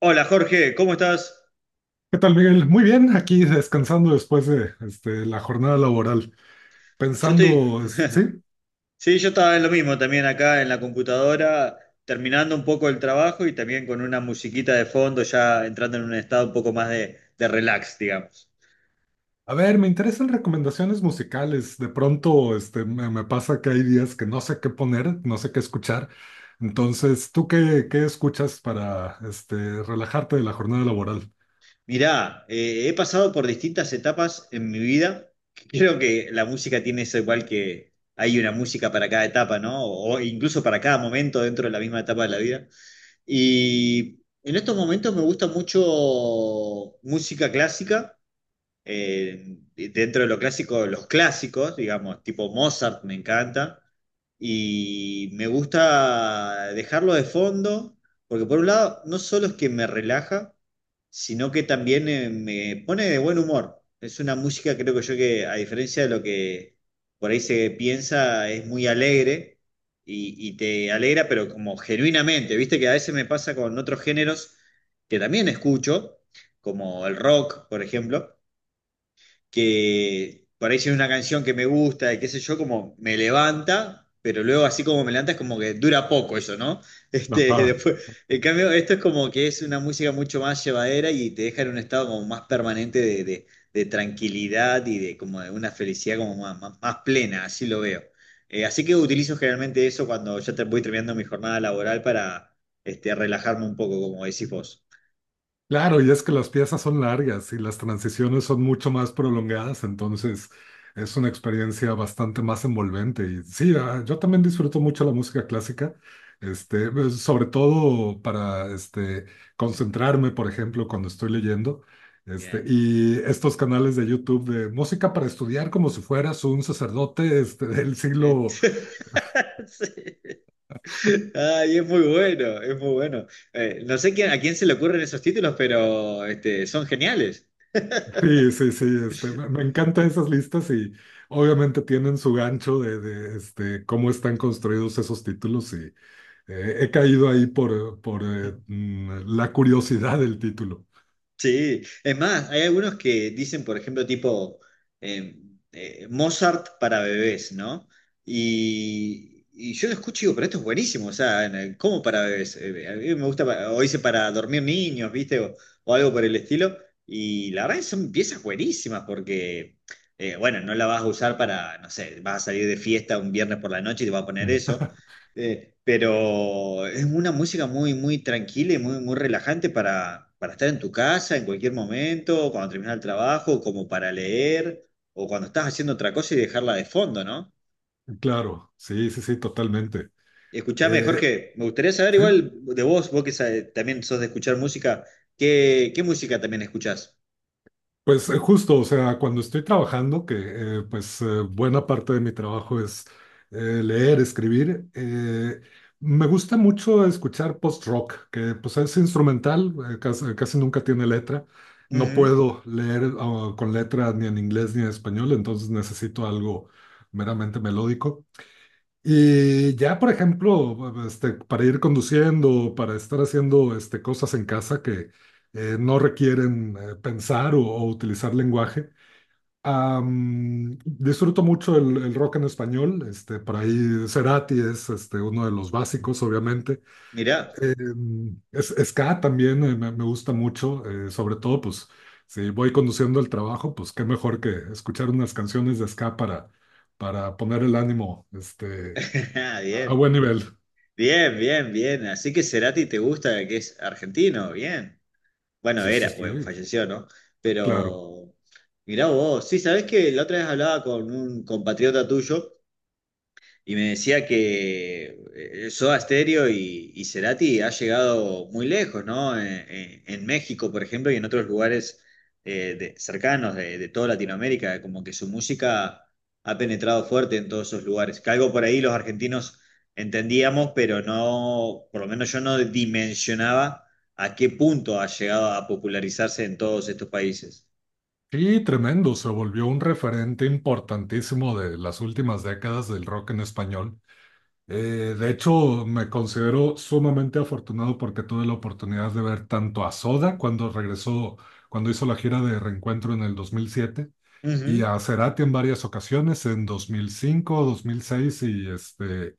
Hola Jorge, ¿cómo estás? ¿Qué tal, Miguel? Muy bien, aquí descansando después de la jornada laboral, Yo estoy, pensando, sí, sí, yo estaba en lo mismo también acá en la computadora, terminando un poco el trabajo y también con una musiquita de fondo, ya entrando en un estado un poco más de relax, digamos. a ver, me interesan recomendaciones musicales. De pronto, me pasa que hay días que no sé qué poner, no sé qué escuchar. Entonces, ¿tú qué escuchas para relajarte de la jornada laboral? Mirá, he pasado por distintas etapas en mi vida. Creo que la música tiene eso igual que hay una música para cada etapa, ¿no? O incluso para cada momento dentro de la misma etapa de la vida. Y en estos momentos me gusta mucho música clásica. Dentro de lo clásico, los clásicos, digamos, tipo Mozart me encanta, y me gusta dejarlo de fondo, porque por un lado, no solo es que me relaja, sino que también me pone de buen humor. Es una música, creo que yo, que a diferencia de lo que por ahí se piensa, es muy alegre. Y te alegra, pero como genuinamente, viste que a veces me pasa con otros géneros que también escucho, como el rock, por ejemplo, que por ahí si hay una canción que me gusta y qué sé yo, como me levanta, pero luego así como me levanta es como que dura poco eso, ¿no? Este, Ajá. después, en cambio, esto es como que es una música mucho más llevadera y te deja en un estado como más permanente de tranquilidad y de como de una felicidad como más, más plena, así lo veo. Así que utilizo generalmente eso cuando ya te voy terminando mi jornada laboral para este, relajarme un poco, como decís vos. Claro, y es que las piezas son largas y las transiciones son mucho más prolongadas, entonces es una experiencia bastante más envolvente. Y sí, yo también disfruto mucho la música clásica, sobre todo para concentrarme, por ejemplo, cuando estoy leyendo. Este, Bien. y estos canales de YouTube de música para estudiar como si fueras un sacerdote del Eh, siglo. sí. Ay, es muy bueno, es muy bueno. No sé quién- ¿A quién se le ocurren esos títulos? Pero este, son geniales. Sí, sí, sí, me encantan esas listas y obviamente tienen su gancho de cómo están construidos esos títulos y he caído ahí por la curiosidad del título. Sí, es más, hay algunos que dicen, por ejemplo, tipo eh, Mozart para bebés, ¿no? Y yo lo escucho y digo, pero esto es buenísimo, o sea, ¿cómo para bebés? A mí me gusta, o hice para dormir niños, ¿viste? O algo por el estilo. Y la verdad que son piezas buenísimas porque, bueno, no la vas a usar para, no sé, vas a salir de fiesta un viernes por la noche y te vas a poner eso, pero es una música muy, muy tranquila y muy, muy relajante para estar en tu casa en cualquier momento, cuando terminas el trabajo, como para leer, o cuando estás haciendo otra cosa y dejarla de fondo, ¿no? Claro, sí, sí, sí, totalmente. Escuchame, Eh, Jorge, me gustaría saber sí. igual de vos, también sos de escuchar música, ¿qué, qué música también escuchás? Pues justo, o sea, cuando estoy trabajando, que buena parte de mi trabajo es leer, escribir, me gusta mucho escuchar post-rock, que pues es instrumental, casi nunca tiene letra. No Ujú, puedo leer con letra ni en inglés ni en español, entonces necesito algo meramente melódico. Y ya, por ejemplo, para ir conduciendo, para estar haciendo cosas en casa que no requieren pensar o utilizar lenguaje. Disfruto mucho el rock en español. Este, por ahí Cerati es uno de los básicos, obviamente. mirá, Ska también me gusta mucho, sobre todo, pues, si voy conduciendo el trabajo, pues qué mejor que escuchar unas canciones de ska para poner el ánimo, a bien, buen nivel. bien, bien, bien. Así que Cerati te gusta, que es argentino, bien. Bueno, Sí, sí, era, sí, pues falleció, ¿no? claro. Pero mirá vos, sí, sabés que la otra vez hablaba con un compatriota tuyo y me decía que Soda Stereo y Cerati ha llegado muy lejos, ¿no? En México, por ejemplo, y en otros lugares cercanos de toda Latinoamérica, como que su música ha penetrado fuerte en todos esos lugares. Que algo por ahí los argentinos entendíamos, pero no, por lo menos yo no dimensionaba a qué punto ha llegado a popularizarse en todos estos países. Sí, tremendo. Se volvió un referente importantísimo de las últimas décadas del rock en español. De hecho, me considero sumamente afortunado porque tuve la oportunidad de ver tanto a Soda cuando regresó, cuando hizo la gira de Reencuentro en el 2007 y Ujú, a Cerati en varias ocasiones en dos mil cinco, dos mil seis y este.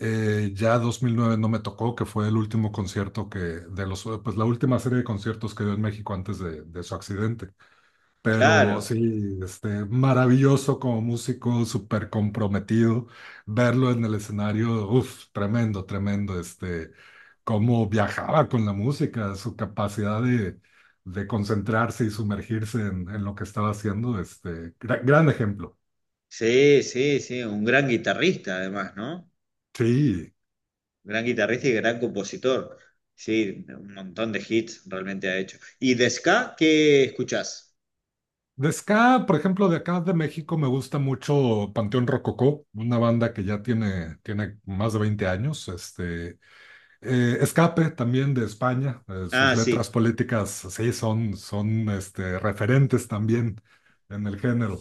Ya 2009 no me tocó, que fue el último concierto de los, pues la última serie de conciertos que dio en México antes de su accidente. Pero claro, sí, maravilloso como músico, súper comprometido. Verlo en el escenario, uff, tremendo, tremendo. Cómo viajaba con la música, su capacidad de concentrarse y sumergirse en lo que estaba haciendo. Gran ejemplo. sí, sí, sí, un gran guitarrista además, ¿no? Sí. Gran guitarrista y gran compositor. Sí, un montón de hits realmente ha hecho. ¿Y de ska qué escuchás? De ska, por ejemplo, de acá de México me gusta mucho Panteón Rococó, una banda que tiene más de 20 años. Escape también de España, sus Ah, letras sí, políticas sí son referentes también en el género.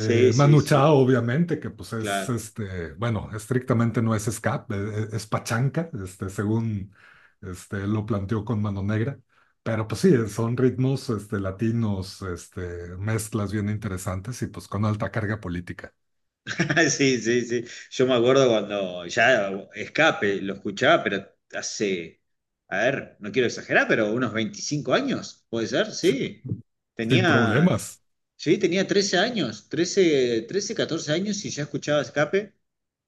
Sí, Manu Chao, sí, obviamente, que pues claro. Bueno, estrictamente no es ska, es pachanca, según lo planteó con Mano Negra, pero pues sí, son ritmos latinos, mezclas bien interesantes y pues con alta carga política. Sí, sí, sí. Yo me acuerdo cuando ya Escape lo escuchaba, pero hace, a ver, no quiero exagerar, pero unos 25 años, puede ser, sí. Sin Tenía, problemas. sí, tenía 13 años, 14 años y ya escuchaba Escape.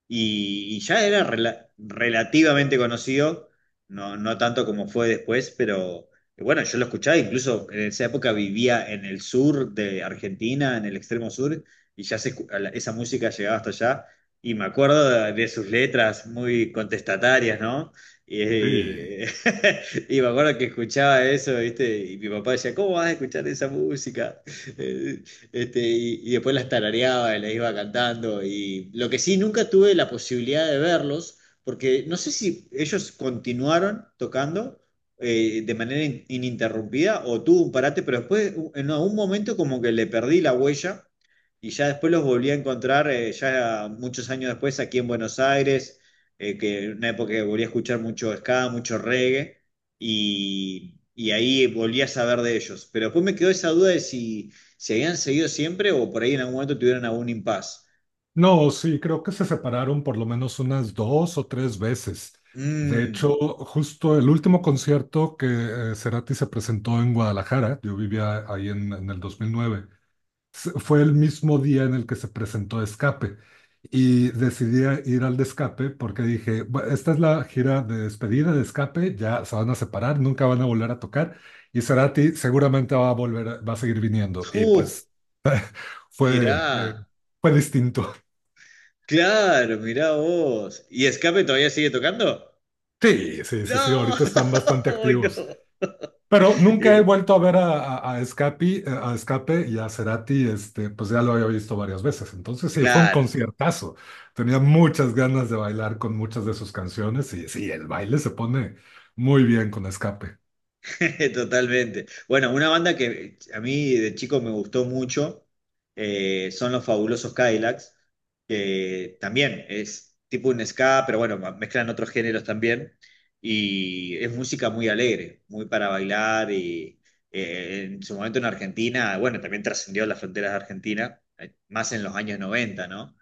Y ya era relativamente conocido, no, no tanto como fue después, pero bueno, yo lo escuchaba, incluso en esa época vivía en el sur de Argentina, en el extremo sur, y ya se escu- a la- esa música llegaba hasta allá, y me acuerdo de sus letras muy contestatarias, ¿no? Y, Sí. Y me acuerdo que escuchaba eso, ¿viste? Y mi papá decía, ¿cómo vas a escuchar esa música? Este, y después las tarareaba y las iba cantando. Y lo que sí, nunca tuve la posibilidad de verlos, porque no sé si ellos continuaron tocando de manera ininterrumpida o tuvo un parate, pero después en algún momento como que le perdí la huella y ya después los volví a encontrar ya muchos años después aquí en Buenos Aires, que en una época que volví a escuchar mucho ska, mucho reggae y ahí volví a saber de ellos. Pero después me quedó esa duda de si ¿se habían seguido siempre o por ahí en algún momento tuvieron algún impas? No, sí, creo que se separaron por lo menos unas dos o tres veces. De Mmm, hecho, justo el último concierto que Cerati se presentó en Guadalajara, yo vivía ahí en el 2009, fue el mismo día en el que se presentó Escape. Y decidí ir al de Escape porque dije, Esta es la gira de despedida de Escape, ya se van a separar, nunca van a volver a tocar y Cerati seguramente va a volver, va a seguir viniendo. Y uh, pues fue, mirá, fue distinto". claro, mirá vos. ¿Y Escape todavía sigue tocando? Sí, sí, sí, sí, No, ahorita están bastante hoy activos. no. Pero nunca he Y- vuelto a ver a Escape y a Cerati, pues ya lo había visto varias veces. Entonces sí, fue un Claro. conciertazo. Tenía muchas ganas de bailar con muchas de sus canciones y sí, el baile se pone muy bien con Escape, Totalmente. Bueno, una banda que a mí de chico me gustó mucho son los Fabulosos Cadillacs, que también es tipo un ska, pero bueno, mezclan otros géneros también. Y es música muy alegre, muy para bailar. Y en su momento en Argentina, bueno, también trascendió las fronteras de Argentina, más en los años noventa, ¿no?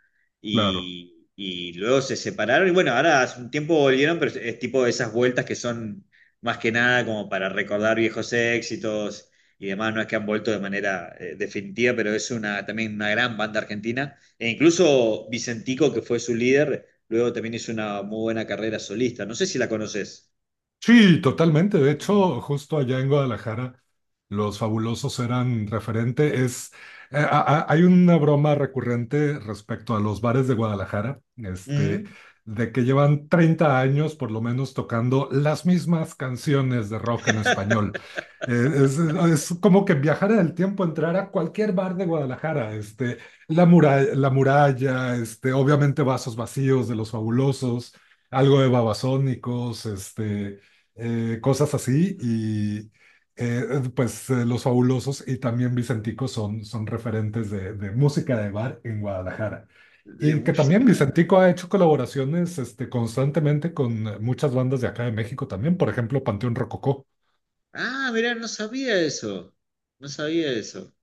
claro. Y luego se separaron y bueno, ahora hace un tiempo volvieron, pero es tipo esas vueltas que son más que nada como para recordar viejos éxitos y demás, no es que han vuelto de manera definitiva, pero es una, también una gran banda argentina. E incluso Vicentico, que fue su líder, luego también hizo una muy buena carrera solista. No sé si la conoces. Sí, totalmente. De Mm. hecho, justo allá en Guadalajara, los fabulosos eran referente. Hay una broma recurrente respecto a los bares de Guadalajara, Ujú. de que llevan 30 años por lo menos tocando las mismas canciones de rock en español. Es como que viajar en el tiempo, entrar a cualquier bar de Guadalajara, la muralla, obviamente vasos vacíos de los fabulosos, algo de Babasónicos, cosas así y eh, Los Fabulosos y también Vicentico son referentes de música de bar en Guadalajara. De Y que también música. Vicentico ha hecho colaboraciones constantemente con muchas bandas de acá de México también, por ejemplo, Panteón Rococó. Ah, mirá, no sabía eso. No sabía eso.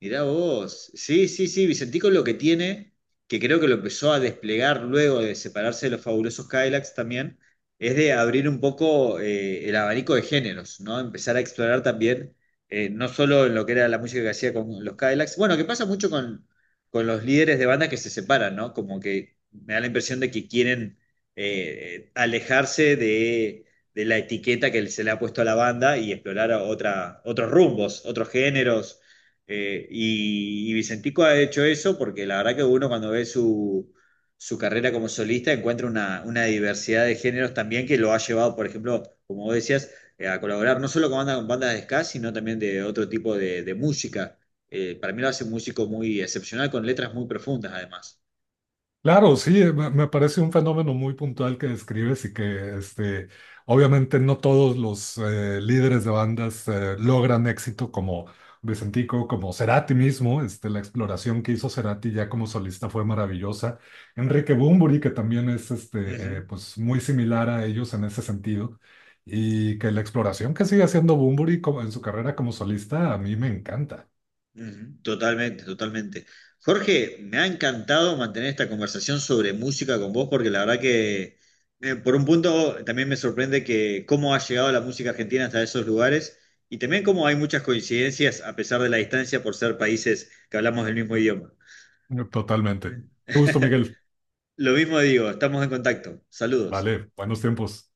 Mirá vos. Sí, sí, sí, Vicentico lo que tiene, que creo que lo empezó a desplegar luego de separarse de los fabulosos Cadillacs también, es de abrir un poco el abanico de géneros, ¿no? Empezar a explorar también, no solo en lo que era la música que hacía con los Cadillacs, bueno, que pasa mucho con los líderes de banda que se separan, ¿no? Como que me da la impresión de que quieren alejarse de la etiqueta que se le ha puesto a la banda y explorar otra, otros rumbos, otros géneros y Vicentico ha hecho eso porque la verdad que uno cuando ve su, su carrera como solista encuentra una diversidad de géneros también que lo ha llevado, por ejemplo, como vos decías, a colaborar no solo con bandas de ska, sino también de otro tipo de música. Para mí lo hace un músico muy excepcional con letras muy profundas además. Claro, sí, me parece un fenómeno muy puntual que describes y que obviamente no todos los líderes de bandas logran éxito como Vicentico, como Cerati mismo. Este, la exploración que hizo Cerati ya como solista fue maravillosa. Enrique Bunbury, que también es pues muy similar a ellos en ese sentido. Y que la exploración que sigue haciendo Bunbury en su carrera como solista a mí me encanta. Ujú, totalmente, totalmente. Jorge, me ha encantado mantener esta conversación sobre música con vos porque la verdad que por un punto también me sorprende que cómo ha llegado la música argentina hasta esos lugares y también cómo hay muchas coincidencias a pesar de la distancia por ser países que hablamos del mismo idioma. Totalmente. Qué gusto, Miguel. Lo mismo digo, estamos en contacto. Saludos. Vale, buenos tiempos.